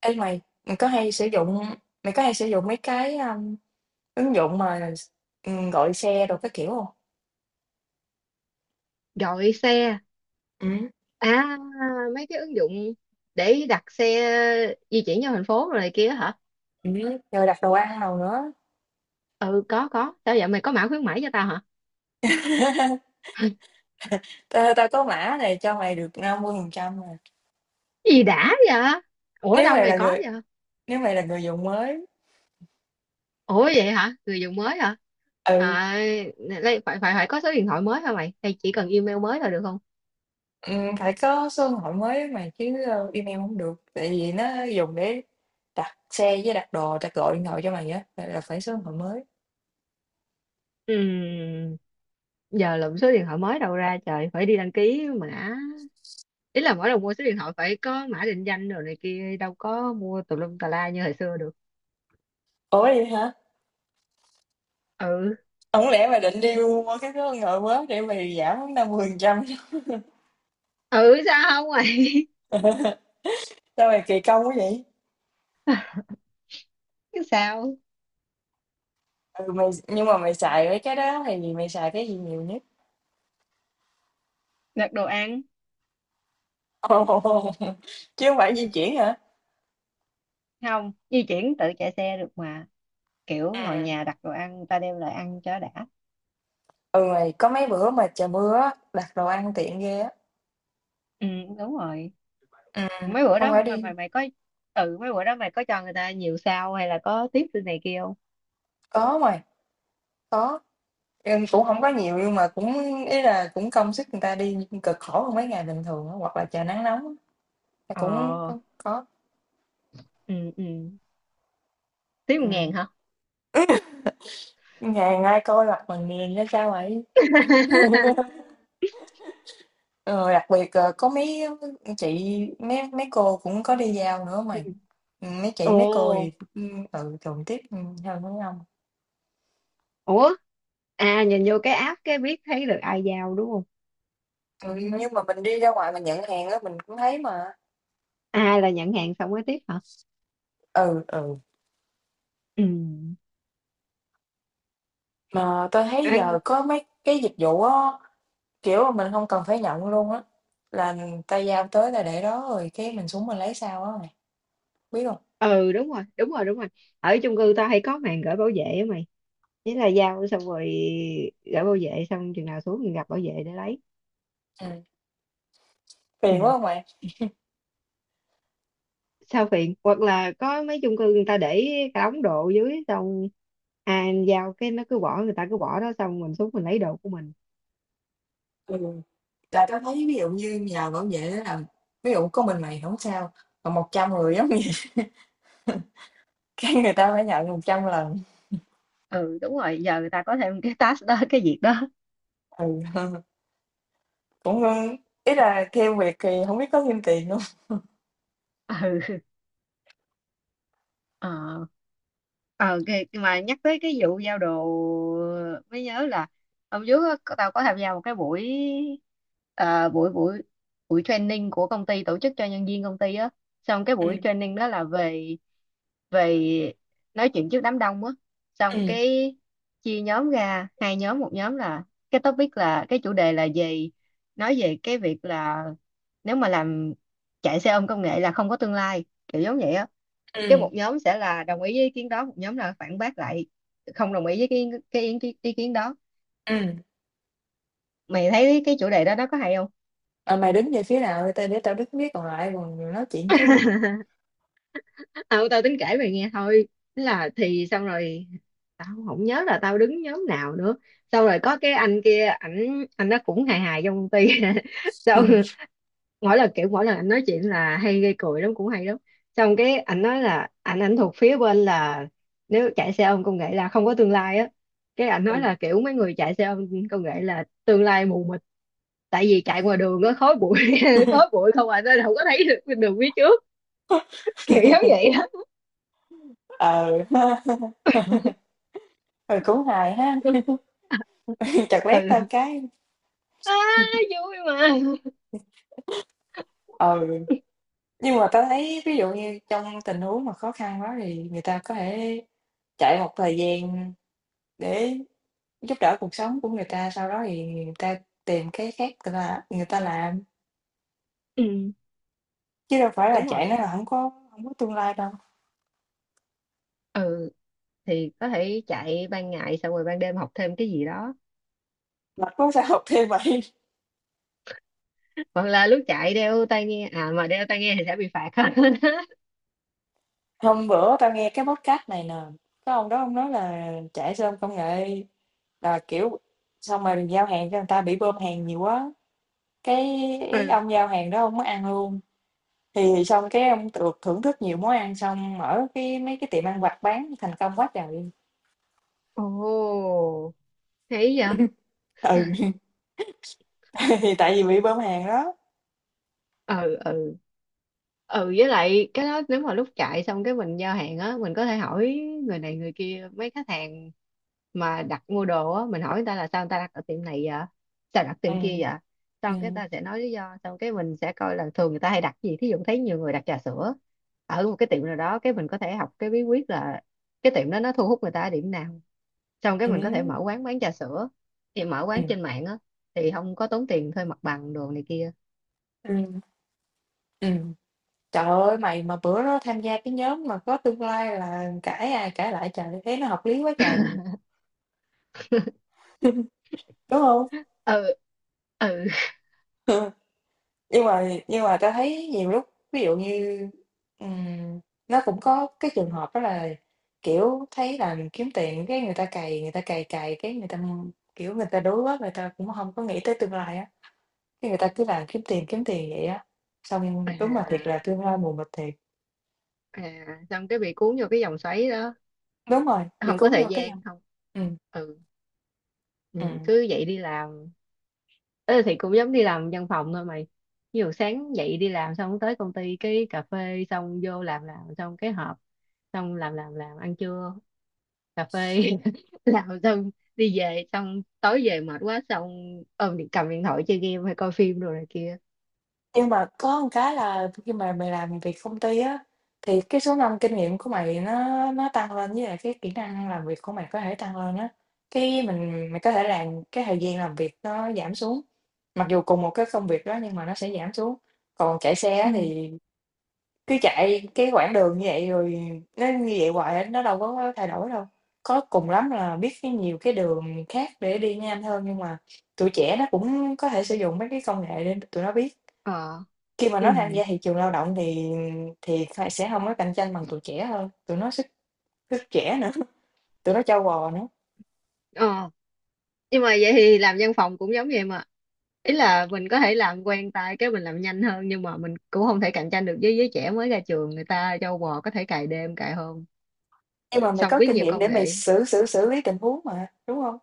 Ê mày, mày có hay sử dụng mày có hay sử dụng mấy cái ứng dụng mà gọi xe đồ các kiểu không? Gọi xe Ừ. à? Mấy cái ứng dụng để đặt xe di chuyển trong thành phố rồi này kia hả? Ừ. Rồi đặt đồ ăn nào nữa. Ừ, có, có. Sao vậy, mày có mã khuyến mãi cho tao hả? Tao có mã này cho mày được 50% mà. Gì đã vậy? Ủa Nếu đâu mày mày là có người vậy? nếu mày là người dùng mới, Ủa vậy hả, người dùng mới hả? ừ, À, đây, phải phải phải có số điện thoại mới hả mày, hay chỉ cần email mới là được không? Phải có số điện thoại mới mày chứ email không được. Tại vì nó dùng để đặt xe với đặt đồ, tao gọi điện thoại cho mày á là phải số điện thoại mới. Ừm, giờ lụm số điện thoại mới đâu ra trời, phải đi đăng ký mã. Ý là mỗi lần mua số điện thoại phải có mã định danh rồi này kia, đâu có mua tùm lum tà la như hồi xưa được. Ủa vậy hả? Ừ, Không lẽ mày định đi mua cái số điện thoại mới để mày giảm 50%. ừ, sao không vậy? Sao mày kỳ công quá vậy? Sao? Ừ mày, nhưng mà mày xài với cái đó thì mày xài cái gì nhiều nhất? Đặt đồ ăn. Ồ, chứ không phải di chuyển hả? Không, di chuyển tự chạy xe được mà. Kiểu ngồi Ừ. nhà đặt đồ ăn người ta đem lại ăn cho đã. Ừ mày, có mấy bữa mà trời mưa á, đặt đồ ăn tiện ghê á. Ừ, đúng rồi. Ừ, Mấy bữa không đó phải mà đi. mày mày có. Ừ, mấy bữa đó mày có cho người ta nhiều sao, hay là có tiếp từ này kia không? Có mày, có. Nhưng cũng không có nhiều nhưng mà cũng ý là cũng công sức người ta đi cực khổ hơn mấy ngày bình thường á, hoặc là trời nắng nóng á, là Ờ. cũng có, có. Ừ, ừ, tiếp một Ừ. ngàn hả? Ngày ai coi mặt mình nhìn ra sao vậy? Ờ, Đặc biệt, có mấy chị, mấy mấy cô cũng có đi giao nữa Ừ. mà. Mấy chị, mấy cô thì, Ồ. Thường tiếp, hơn mấy ông. Ủa. À, nhìn vô cái app cái biết thấy được ai giao đúng không? Ừ, nhưng mà mình đi ra ngoài mình nhận hàng á, mình cũng thấy mà. Ai là nhận hàng xong mới tiếp hả? Ừ, ừ. Ừ. Mà tôi thấy giờ có mấy cái dịch vụ á, kiểu mà mình không cần phải nhận luôn á, là ta giao tới là để đó rồi cái mình xuống mình lấy sau á mày, biết không? Ừ, đúng rồi, đúng rồi, đúng rồi. Ở chung cư tao hay có màn gửi bảo vệ á mày. Thế là giao xong rồi gửi bảo vệ, xong chừng nào xuống mình gặp bảo vệ để lấy. Ừm, Ừ. Phiền quá hông bạn? Sao phiền, hoặc là có mấy chung cư người ta để cả đống đồ dưới, xong à giao cái nó cứ bỏ, người ta cứ bỏ đó xong mình xuống mình lấy đồ của mình. Ừ, là tao thấy ví dụ như nhờ bảo vệ á là ví dụ có mình mày không sao, còn trăm người giống như cái người ta phải nhận 100 lần, Ừ đúng rồi, giờ người ta có thêm cái task đó, cái việc đó. ừ. Cũng, ý là theo việc thì hổng biết có thêm tiền hông? Ừ. ờ ờ cái mà nhắc tới cái vụ giao đồ mới nhớ là hôm trước á, tao có tham gia một cái buổi ờ, buổi buổi buổi training của công ty tổ chức cho nhân viên công ty á. Xong cái buổi Ừm. training đó là về về nói chuyện trước đám đông á. Xong Ừm. cái chia nhóm ra hai nhóm, một nhóm là cái topic là cái chủ đề là về nói về cái việc là nếu mà làm chạy xe ôm công nghệ là không có tương lai kiểu giống vậy á. Cái Ừm. một nhóm sẽ là đồng ý với ý kiến đó, một nhóm là phản bác lại, không đồng ý với cái ý kiến đó. Ừm. Mày thấy cái chủ đề đó nó có hay không? "Ờ, mày đứng về phía nào đi tao để tao biết biết, còn lại còn nói chuyện chứ." Ừ, tao tính kể mày nghe thôi. Thế là thì xong rồi, tao không nhớ là tao đứng nhóm nào nữa. Xong rồi có cái anh kia, ảnh anh nó cũng hài hài trong công ty. Ừ. Xong mỗi lần anh nói chuyện là hay gây cười lắm, cũng hay lắm. Xong cái anh nói là anh thuộc phía bên là nếu chạy xe ôm công nghệ là không có tương lai á. Cái anh nói là kiểu mấy người chạy xe ôm công nghệ là tương lai mù mịt, tại vì chạy ngoài đường nó khói bụi khói bụi không à nên không có thấy được đường phía trước, kiểu giống vậy đó. Ờ, ha. Ừ, cũng hài ha, chợt lét tao Ừ. cái À, vui mà. ừ, nhưng mà tao thấy ví dụ như trong tình huống mà khó khăn quá thì người ta có thể chạy một thời gian để giúp đỡ cuộc sống của người ta, sau đó thì người ta tìm cái khác người ta làm, Ừ, chứ đâu phải là đúng chạy rồi. nói là hổng có tương lai đâu, Ừ, thì có thể chạy ban ngày xong rồi ban đêm học thêm cái gì đó, mà có sao học thêm vậy. hoặc là lúc chạy đeo tai nghe, à mà đeo tai nghe thì sẽ bị phạt. Hôm bữa tao nghe cái podcast này nè, cái ông đó ông nói là chạy xe ôm công nghệ là, kiểu, xong rồi giao hàng cho người ta bị bơm hàng nhiều quá, cái Ừ. ông giao hàng đó ông mới ăn luôn. Thì xong cái ông được thưởng thức nhiều món ăn, xong mở mấy cái tiệm ăn vặt bán thành công quá trời. Ồ, thấy vậy. Ừ, thì tại vì bị bơm hàng đó. Ừ, ừ, ừ với lại cái đó nếu mà lúc chạy xong cái mình giao hàng á, mình có thể hỏi người này người kia, mấy khách hàng mà đặt mua đồ á, mình hỏi người ta là sao người ta đặt ở tiệm này vậy, sao đặt tiệm kia Ừm. vậy. Xong cái Ừm. ta sẽ nói lý do, xong cái mình sẽ coi là thường người ta hay đặt gì, thí dụ thấy nhiều người đặt trà sữa ở một cái tiệm nào đó, cái mình có thể học cái bí quyết là cái tiệm đó nó thu hút người ta ở điểm nào. Xong cái mình có thể Ừm. mở quán bán trà sữa, thì mở quán Ừm. trên mạng á, thì không có tốn tiền thuê mặt bằng đồ này kia. Ừm. Ừm. Trời ơi, mày mà bữa đó tham gia cái nhóm mà có tương lai là cãi ai cãi lại trời, thấy nó hợp lý quá trời, đúng không? Ừ. Ừ. Nhưng mà ta thấy nhiều lúc ví dụ như, ừm, nó cũng có cái trường hợp đó là, kiểu, thấy là mình kiếm tiền cái người ta cày cày cái người ta, kiểu, người ta đuối quá, người ta cũng không có nghĩ tới tương lai á, cái người ta cứ làm kiếm tiền vậy á. Xong đúng là thiệt là À, tương lai mù mịt thiệt. Xong cái bị cuốn vô cái vòng xoáy đó, Đúng rồi, bị không có cuốn thời vô cái vòng gian không. ừm, Ừ. Ừ, ừm. cứ vậy đi làm. Ê, thì cũng giống đi làm văn phòng thôi mày, ví dụ sáng dậy đi làm xong tới công ty cái cà phê xong vô làm xong cái họp, xong làm ăn trưa, cà phê làm xong đi về, xong tối về mệt quá xong ôm điện cầm điện thoại chơi game hay coi phim rồi này kia. Nhưng mà có một cái là khi mà mày làm việc công ty á, thì cái số năm kinh nghiệm của mày nó tăng lên với lại cái kỹ năng làm việc của mày có thể tăng lên á. Cái mình mày có thể làm cái thời gian làm việc nó giảm xuống. Mặc dù cùng một cái công việc đó nhưng mà nó sẽ giảm xuống. Còn chạy xe á Ừ. thì cứ chạy cái quãng đường như vậy rồi nó như vậy hoài á, nó đâu có thay đổi đâu. Có cùng lắm là biết cái nhiều cái đường khác để đi nhanh hơn nhưng mà tụi trẻ nó cũng có thể sử dụng mấy cái công nghệ để tụi nó biết. Ờ. Khi mà Ừ. nó tham gia thị trường lao động thì kh sẽ hông có cạnh tranh bằng tụi trẻ hơn, tụi nó sức sức trẻ nữa, tụi nó trâu bò nữa. Ờ, nhưng mà vậy thì làm văn phòng cũng giống vậy mà, ý là mình có thể làm quen tay cái mình làm nhanh hơn, nhưng mà mình cũng không thể cạnh tranh được với giới trẻ mới ra trường, người ta châu bò có thể cày đêm cày hôm, Nhưng mà mày xong có biết kinh nhiều nghiệm công để mày nghệ. xử xử xử lý tình huống mà, đúng hông?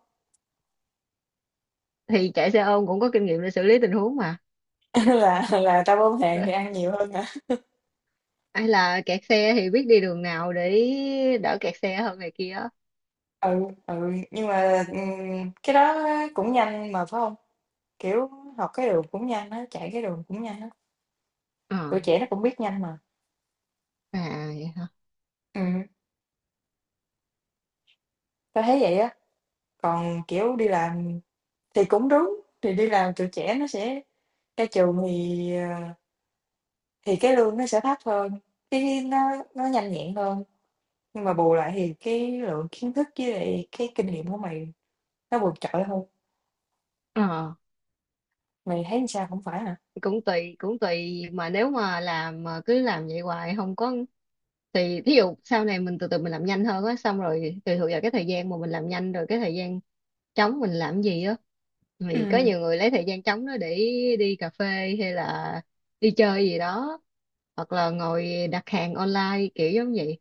Thì chạy xe ôm cũng có kinh nghiệm để xử lý tình huống mà. Là tao ôm hàng Ờ, thì ăn nhiều hơn hả? hay là kẹt xe thì biết đi đường nào để đỡ kẹt xe hơn này kia. Ừ, ừ, nhưng mà, cái đó á cũng nhanh mà, phải hông? Kiểu, học cái đường cũng nhanh á, chạy cái đường cũng nhanh á, Ờ, tụi trẻ nó cũng biết nhanh mà. à vậy hả? Ừm, Tao thấy vậy á, còn, kiểu, đi làm thì cũng đúng, thì đi làm tụi trẻ nó sẽ ra trường thì, ờ Thì cái lương nó sẽ thấp hơn, cái nó nhanh nhẹn hơn, nhưng mà bù lại thì cái lượng kiến thức với lại cái kinh nghiệm của mày nó vượt trội hơn. Ờ, Mày thấy sao, không phải hả? cũng tùy, cũng tùy mà nếu mà làm mà cứ làm vậy hoài không có, thì thí dụ sau này mình từ từ mình làm nhanh hơn á, xong rồi tùy thuộc vào cái thời gian mà mình làm nhanh rồi cái thời gian trống mình làm gì á, thì có Ừm. nhiều người lấy thời gian trống đó để đi cà phê, hay là đi chơi gì đó, hoặc là ngồi đặt hàng online kiểu giống vậy,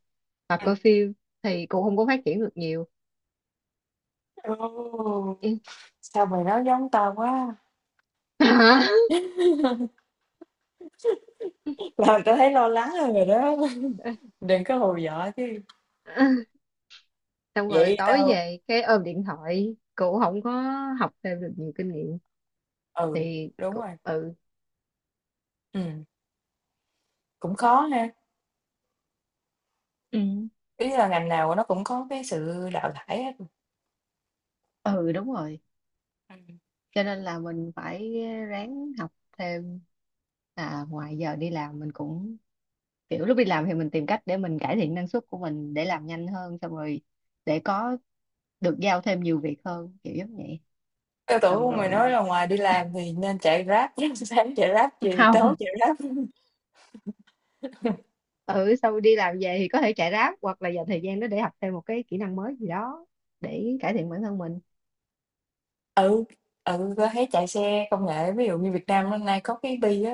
hoặc Ừm. coi phim, thì cũng không có phát triển được nhiều. Ồ, Ừ. sao mày nói giống tao quá, làm tao thấy lo lắng hơn rồi đó. Đừng có hù dọa chứ. Hả? Xong rồi Vậy tối tao về cái ôm điện thoại cụ không có học thêm được nhiều kinh nghiệm ừ, thì đúng cụ, rồi, ừ. ừm, cũng khó ha, Ừ. ý là ngành nào nó cũng có cái sự đào thải hết. Ừ đúng rồi. Ừm, Cho nên là mình phải ráng học thêm, à ngoài giờ đi làm mình cũng kiểu lúc đi làm thì mình tìm cách để mình cải thiện năng suất của mình để làm nhanh hơn, xong rồi để có được giao thêm nhiều việc hơn kiểu giống vậy. Tao Xong tưởng mày nói là rồi ngoài đi làm thì nên chạy Grab, sáng chạy Grab, chiều tối không. chạy Grab. Ừ, sau đi làm về thì có thể chạy ráp, hoặc là dành thời gian đó để học thêm một cái kỹ năng mới gì đó để cải thiện bản thân mình. Ừ, ừ, có thấy chạy xe công nghệ, ví dụ như Việt Nam hôm nay có cái Bi á,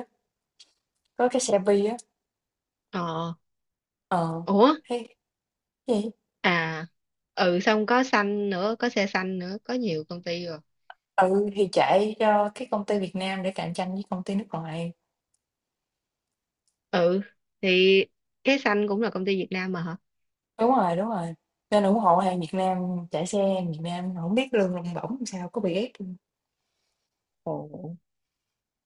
có cái xe Bi á, Ờ, ờ, ủa, thấy gì? à, ừ, xong có xanh nữa, có xe xanh nữa, có nhiều công ty rồi. Ừ, thì chạy cho cái công ty Việt Nam để cạnh tranh với công ty nước ngoài. Ừ, thì cái xanh cũng là công ty Việt Nam mà hả? Đúng rồi, đúng rồi. Nên ủng hộ hàng Việt Nam, chạy xe hàng Việt Nam, không biết lương lông bổng làm sao, có bị ép không? Ồ.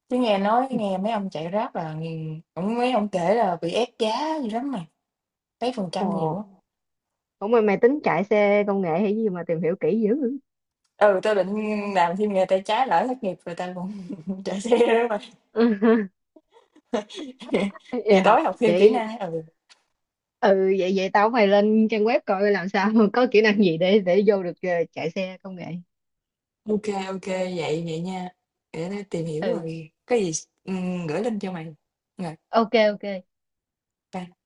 Chứ nghe nói, nghe mấy ông chạy Grab là, cũng mấy ông kể là bị ép giá gì lắm mà, mấy phần trăm nhiều Ồ, á. ủa mà mày tính chạy xe công nghệ hay gì mà tìm hiểu kỹ dữ? Ừ, tôi định làm thêm nghề tay trái lỡ thất nghiệp rồi tao cũng chạy xe đó mà. Thì Vậy hả? tối học thêm kỹ Vậy, năng, ừ. ừ, vậy vậy tao phải lên trang web coi làm sao có kỹ năng gì để vô được chạy xe công nghệ. OK, OK, vậy vậy nha, để tao tìm hiểu Ừ, rồi có gì, gửi link cho mày. Rồi, ok, ok. bye.